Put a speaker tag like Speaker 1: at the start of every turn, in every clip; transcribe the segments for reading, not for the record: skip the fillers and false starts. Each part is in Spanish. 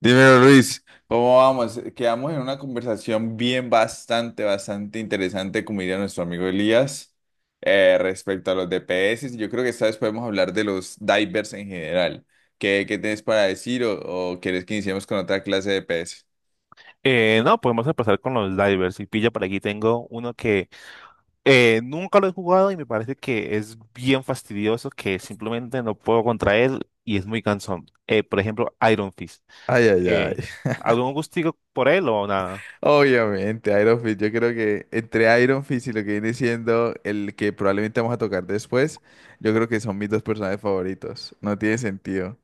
Speaker 1: Dímelo, Luis, ¿cómo vamos? Quedamos en una conversación bien bastante interesante, como diría nuestro amigo Elías, respecto a los DPS. Yo creo que esta vez podemos hablar de los divers en general. ¿Qué tienes para decir o quieres que iniciemos con otra clase de DPS?
Speaker 2: No, podemos empezar con los divers. Y pilla, por aquí tengo uno que nunca lo he jugado y me parece que es bien fastidioso, que simplemente no puedo contra él y es muy cansón. Por ejemplo, Iron Fist.
Speaker 1: Ay, ay, ay.
Speaker 2: Eh, ¿Algún gustico por él o nada?
Speaker 1: Obviamente, Iron Fist. Yo creo que entre Iron Fist y lo que viene siendo el que probablemente vamos a tocar después, yo creo que son mis dos personajes favoritos. No tiene sentido.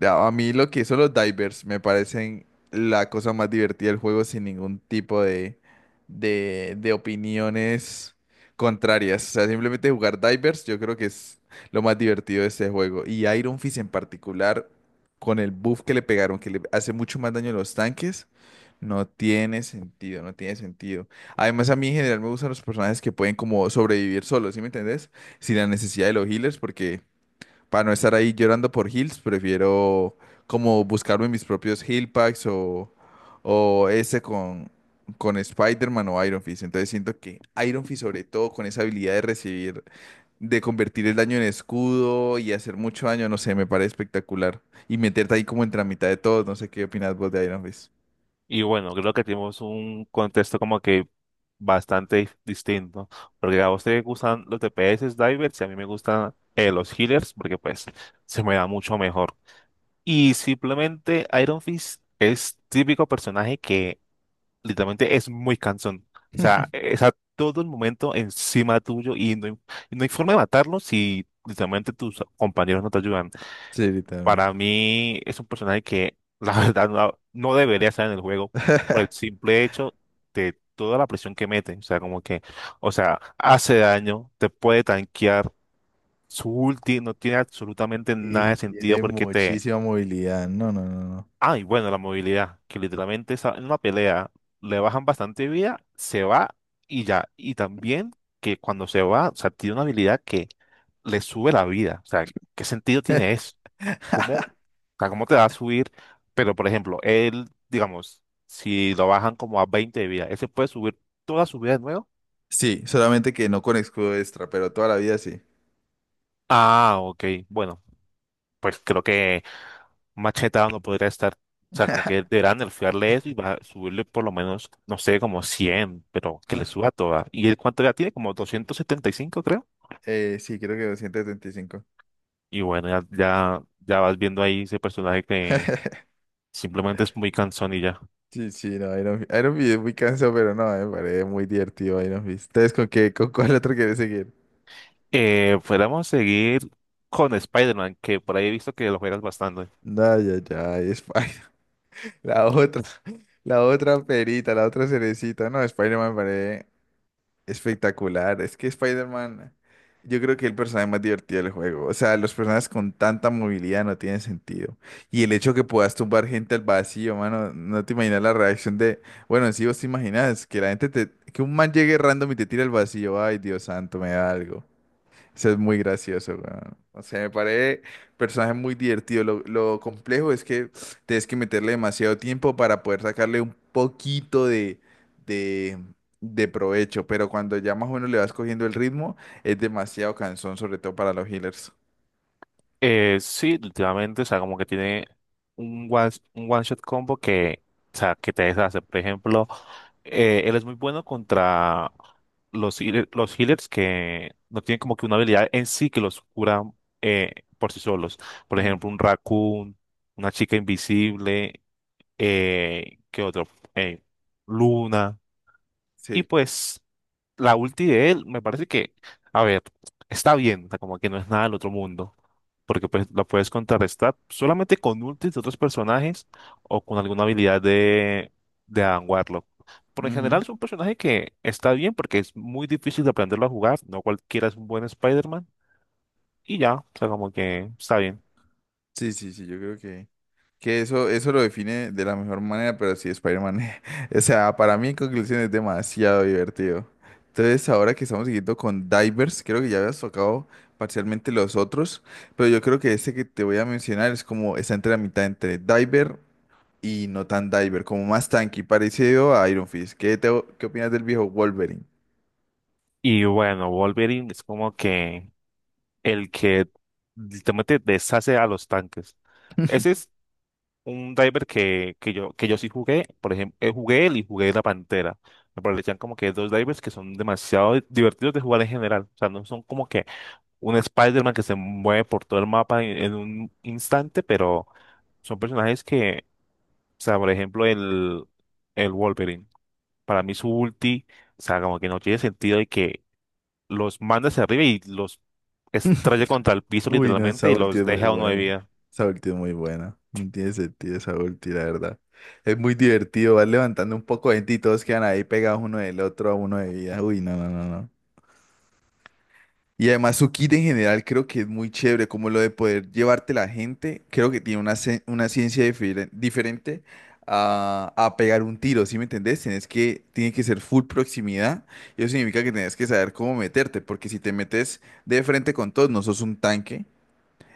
Speaker 1: A mí lo que hizo los divers me parecen la cosa más divertida del juego sin ningún tipo de opiniones contrarias. O sea, simplemente jugar divers yo creo que es lo más divertido de este juego. Y Iron Fist en particular, con el buff que le pegaron, que le hace mucho más daño a los tanques, no tiene sentido, no tiene sentido. Además, a mí en general me gustan los personajes que pueden como sobrevivir solos, ¿sí me entendés? Sin la necesidad de los healers porque... Para no estar ahí llorando por heals, prefiero como buscarme mis propios heal packs o ese con Spider-Man o Iron Fist. Entonces siento que Iron Fist, sobre todo con esa habilidad de recibir, de convertir el daño en escudo y hacer mucho daño, no sé, me parece espectacular. Y meterte ahí como entre la mitad de todos, no sé qué opinas vos de Iron Fist.
Speaker 2: Y bueno, creo que tenemos un contexto como que bastante distinto, porque a vos te gustan los DPS divers y a mí me gustan los healers, porque pues se me da mucho mejor. Y simplemente Iron Fist es típico personaje que literalmente es muy cansón. O sea, es a todo el momento encima tuyo y y no hay forma de matarlo si literalmente tus compañeros no te ayudan.
Speaker 1: Sí, literalmente.
Speaker 2: Para mí es un personaje que la verdad no debería estar en el juego por el simple hecho de toda la presión que mete. O sea, hace daño, te puede tanquear. Su ulti no tiene absolutamente nada
Speaker 1: Y
Speaker 2: de sentido
Speaker 1: tiene
Speaker 2: porque
Speaker 1: muchísima movilidad. No, no, no, no.
Speaker 2: ay, bueno, la movilidad, que literalmente en una pelea le bajan bastante vida, se va y ya. Y también que cuando se va, o sea, tiene una habilidad que le sube la vida. O sea, ¿qué sentido tiene eso? ¿Cómo, o sea, cómo te va a subir? Pero, por ejemplo, él, digamos, si lo bajan como a 20 de vida, ¿ese puede subir toda su vida de nuevo?
Speaker 1: Sí, solamente que no con escudo extra, pero toda la vida sí.
Speaker 2: Ah, ok. Bueno, pues creo que Macheta no podría estar, o sea, como que deberán nerfearle eso y va a subirle por lo menos, no sé, como 100, pero que le suba toda. ¿Y él cuánto ya tiene? Como 275, creo.
Speaker 1: Sí, creo que 235.
Speaker 2: Y bueno, ya vas viendo ahí ese personaje que simplemente es muy cansón y ya.
Speaker 1: Sí, sí, no, Iron, Iron Fist es muy cansado, pero no, me parece muy divertido Iron Fist. ¿Ustedes con qué, con cuál otro quieren seguir?
Speaker 2: Fuéramos a seguir con Spider-Man, que por ahí he visto que lo juegas bastante.
Speaker 1: No, ya, ya, Spider. La otra, la otra perita, la otra cerecita. No, Spider-Man me parece. Espectacular, es que Spider-Man, yo creo que es el personaje más divertido del juego. O sea, los personajes con tanta movilidad no tienen sentido. Y el hecho que puedas tumbar gente al vacío, mano, no te imaginas la reacción de, bueno, sí vos te imaginas que la gente que un man llegue random y te tira al vacío, ay, Dios santo, me da algo. Eso es muy gracioso, weón. O sea, me parece personaje muy divertido. Lo complejo es que tienes que meterle demasiado tiempo para poder sacarle un poquito de, de provecho. Pero cuando ya más o menos le vas cogiendo el ritmo, es demasiado cansón, sobre todo para los healers.
Speaker 2: Sí, últimamente, o sea, como que tiene un one shot combo o sea, que te deshace. Por ejemplo, él es muy bueno contra los healers que no tienen como que una habilidad en sí que los cura eh, por sí solos. Por
Speaker 1: Mm.
Speaker 2: ejemplo, un raccoon, una chica invisible, ¿qué otro? Eh, Luna. Y
Speaker 1: Sí.
Speaker 2: pues, la ulti de él me parece que, a ver, está bien, o sea, como que no es nada del otro mundo porque pues la puedes contrarrestar solamente con ultis de otros personajes o con alguna habilidad de Adam Warlock. Por en general es un personaje que está bien porque es muy difícil de aprenderlo a jugar, no cualquiera es un buen Spider-Man y ya, o sea, como que está bien.
Speaker 1: Sí, sí, sí, yo creo que eso lo define de la mejor manera, pero sí, Spider-Man, o sea, para mí en conclusión es demasiado divertido. Entonces, ahora que estamos siguiendo con Divers, creo que ya habías tocado parcialmente los otros, pero yo creo que este que te voy a mencionar es como, está entre la mitad entre Diver y no tan Diver, como más tanky, parecido a Iron Fist. ¿Qué, qué opinas del viejo Wolverine?
Speaker 2: Y bueno, Wolverine es como que el que literalmente deshace a los tanques. Ese es un diver que, que yo sí jugué, por ejemplo, jugué él y jugué la Pantera. Me parecían como que dos divers que son demasiado divertidos de jugar en general. O sea, no son como que un Spider-Man que se mueve por todo el mapa en un instante, pero son personajes que, o sea, por ejemplo, el Wolverine. Para mí su ulti, o sea, como que no tiene sentido y que los manda hacia arriba y los estrella contra el piso
Speaker 1: Uy, no,
Speaker 2: literalmente
Speaker 1: esa
Speaker 2: y
Speaker 1: ulti
Speaker 2: los
Speaker 1: es muy
Speaker 2: deja a uno de
Speaker 1: buena.
Speaker 2: vida.
Speaker 1: Esa ulti es muy buena. No tiene sentido esa ulti, la verdad. Es muy divertido, vas levantando un poco de gente y todos quedan ahí pegados uno del otro a uno de vida. Uy, no, no, no, no. Y además su kit en general creo que es muy chévere, como lo de poder llevarte la gente, creo que tiene una, una ciencia diferente a pegar un tiro, ¿sí me entendés? Tiene que ser full proximidad, y eso significa que tienes que saber cómo meterte, porque si te metes de frente con todos, no sos un tanque,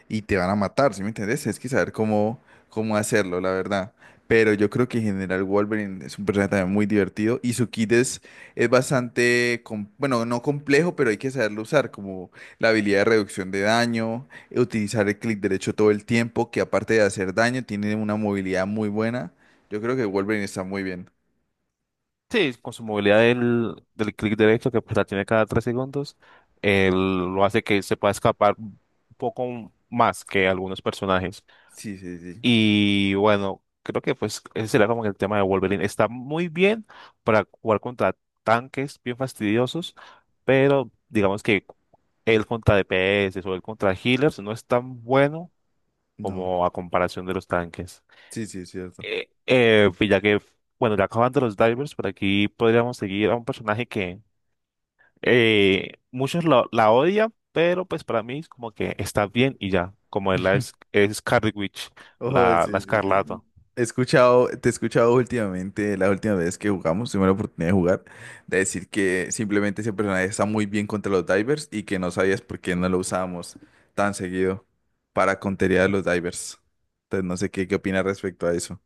Speaker 1: y te van a matar, ¿sí me entiendes? Es que saber cómo hacerlo, la verdad. Pero yo creo que en General Wolverine es un personaje también muy divertido y su kit es bastante, bueno, no complejo, pero hay que saberlo usar, como la habilidad de reducción de daño, utilizar el clic derecho todo el tiempo, que aparte de hacer daño, tiene una movilidad muy buena. Yo creo que Wolverine está muy bien.
Speaker 2: Sí, con su movilidad del clic derecho, que pues la tiene cada 3 segundos, él lo hace que se pueda escapar un poco más que algunos personajes.
Speaker 1: Sí, sí, sí.
Speaker 2: Y bueno, creo que pues ese sería como el tema de Wolverine. Está muy bien para jugar contra tanques bien fastidiosos, pero digamos que él contra DPS o él contra healers no es tan bueno
Speaker 1: No.
Speaker 2: como a comparación de los tanques.
Speaker 1: Sí, sí, es cierto.
Speaker 2: Eh, eh, ya que, bueno, ya acabando los divers, por aquí podríamos seguir a un personaje que eh, muchos la odian, pero pues para mí es como que está bien y ya, como es Scarlet Witch,
Speaker 1: Oh,
Speaker 2: la
Speaker 1: sí, sí, sí.
Speaker 2: Escarlata.
Speaker 1: He escuchado, te he escuchado últimamente, la última vez que jugamos, tuve la oportunidad de jugar, de decir que simplemente ese personaje está muy bien contra los divers y que no sabías por qué no lo usábamos tan seguido para contería a los divers. Entonces no sé qué opinas respecto a eso.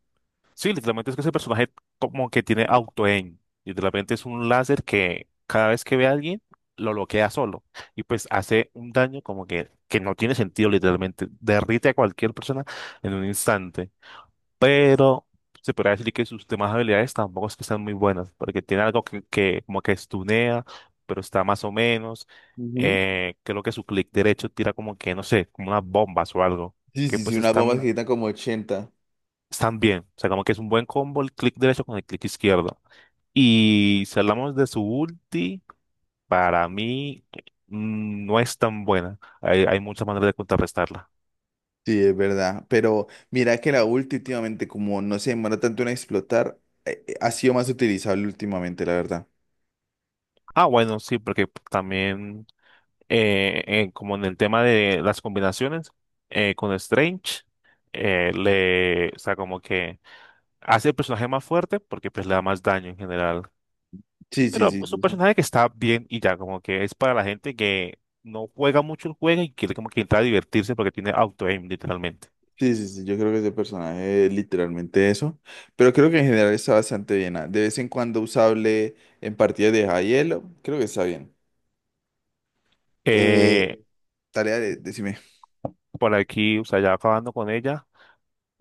Speaker 2: Sí, literalmente es que ese personaje como que tiene auto-aim. Literalmente es un láser que cada vez que ve a alguien lo bloquea solo y pues hace un daño como que no tiene sentido, literalmente derrite a cualquier persona en un instante. Pero se podría decir que sus demás habilidades tampoco es que sean muy buenas, porque tiene algo que como que estunea, pero está más o menos.
Speaker 1: Ujú.
Speaker 2: Creo que su clic derecho tira como que, no sé, como unas bombas o algo,
Speaker 1: Sí,
Speaker 2: que
Speaker 1: sí, sí,
Speaker 2: pues
Speaker 1: unas bombas
Speaker 2: están,
Speaker 1: que quitan como 80.
Speaker 2: están bien. O sea, como que es un buen combo el clic derecho con el clic izquierdo. Y si hablamos de su ulti, para mí no es tan buena. Hay muchas maneras de contrarrestarla.
Speaker 1: Sí, es verdad, pero mira que la ulti últimamente, como no se demora tanto en explotar, ha sido más utilizable últimamente, la verdad.
Speaker 2: Ah, bueno, sí, porque también como en el tema de las combinaciones con Strange, o sea, como que hace el personaje más fuerte porque pues le da más daño en general.
Speaker 1: Sí, sí,
Speaker 2: Pero es un
Speaker 1: sí, sí.
Speaker 2: personaje que está bien y ya, como que es para la gente que no juega mucho el juego y quiere como que entrar a divertirse porque tiene auto-aim literalmente.
Speaker 1: Sí, sí, sí, yo creo que ese personaje es literalmente eso, pero creo que en general está bastante bien. Ah, de vez en cuando usable en partidas de Hielo, creo que está bien. Eh,
Speaker 2: Eh,
Speaker 1: tarea de, decime,
Speaker 2: por aquí, o sea, ya acabando con ella,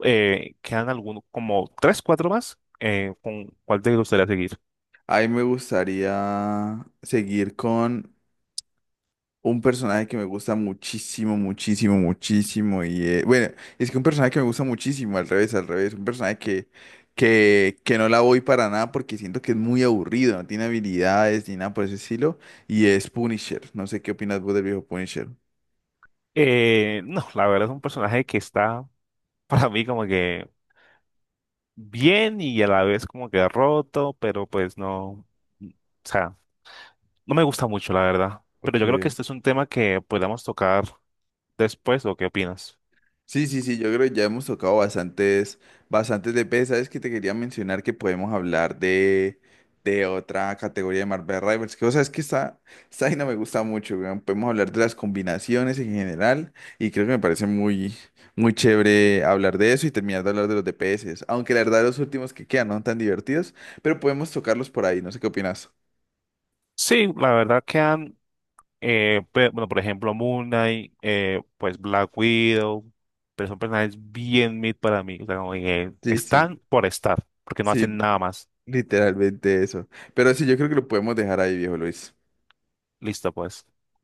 Speaker 2: quedan algunos, como tres, cuatro más. ¿Con cuál te gustaría seguir?
Speaker 1: a mí me gustaría seguir con un personaje que me gusta muchísimo, muchísimo, muchísimo. Y bueno, es que un personaje que me gusta muchísimo, al revés, al revés. Un personaje que no la voy para nada porque siento que es muy aburrido, no tiene habilidades ni nada por ese estilo. Y es Punisher. No sé qué opinas vos del viejo Punisher.
Speaker 2: No, la verdad es un personaje que está para mí como que bien y a la vez como que roto, pero pues no, o sea, no me gusta mucho la verdad. Pero
Speaker 1: Ok,
Speaker 2: yo creo que este es un tema que podamos tocar después, ¿o qué opinas?
Speaker 1: sí, sí, sí, yo creo que ya hemos tocado bastantes, bastantes de pez. Sabes que te quería mencionar que podemos hablar de otra categoría de Marvel Rivals, que o sea, es que esta vaina me gusta mucho, weón. Podemos hablar de las combinaciones en general y creo que me parece muy, muy chévere hablar de eso y terminar de hablar de los DPS, aunque la verdad los últimos que quedan no son tan divertidos, pero podemos tocarlos por ahí, no sé qué opinas.
Speaker 2: Sí, la verdad quedan, bueno, por ejemplo, Moon Knight, pues Black Widow, pero son personajes bien mid para mí, o sea, como que
Speaker 1: Sí, sí,
Speaker 2: están por estar, porque no
Speaker 1: sí,
Speaker 2: hacen nada más.
Speaker 1: literalmente eso. Pero sí, yo creo que lo podemos dejar ahí, viejo Luis.
Speaker 2: Listo, pues.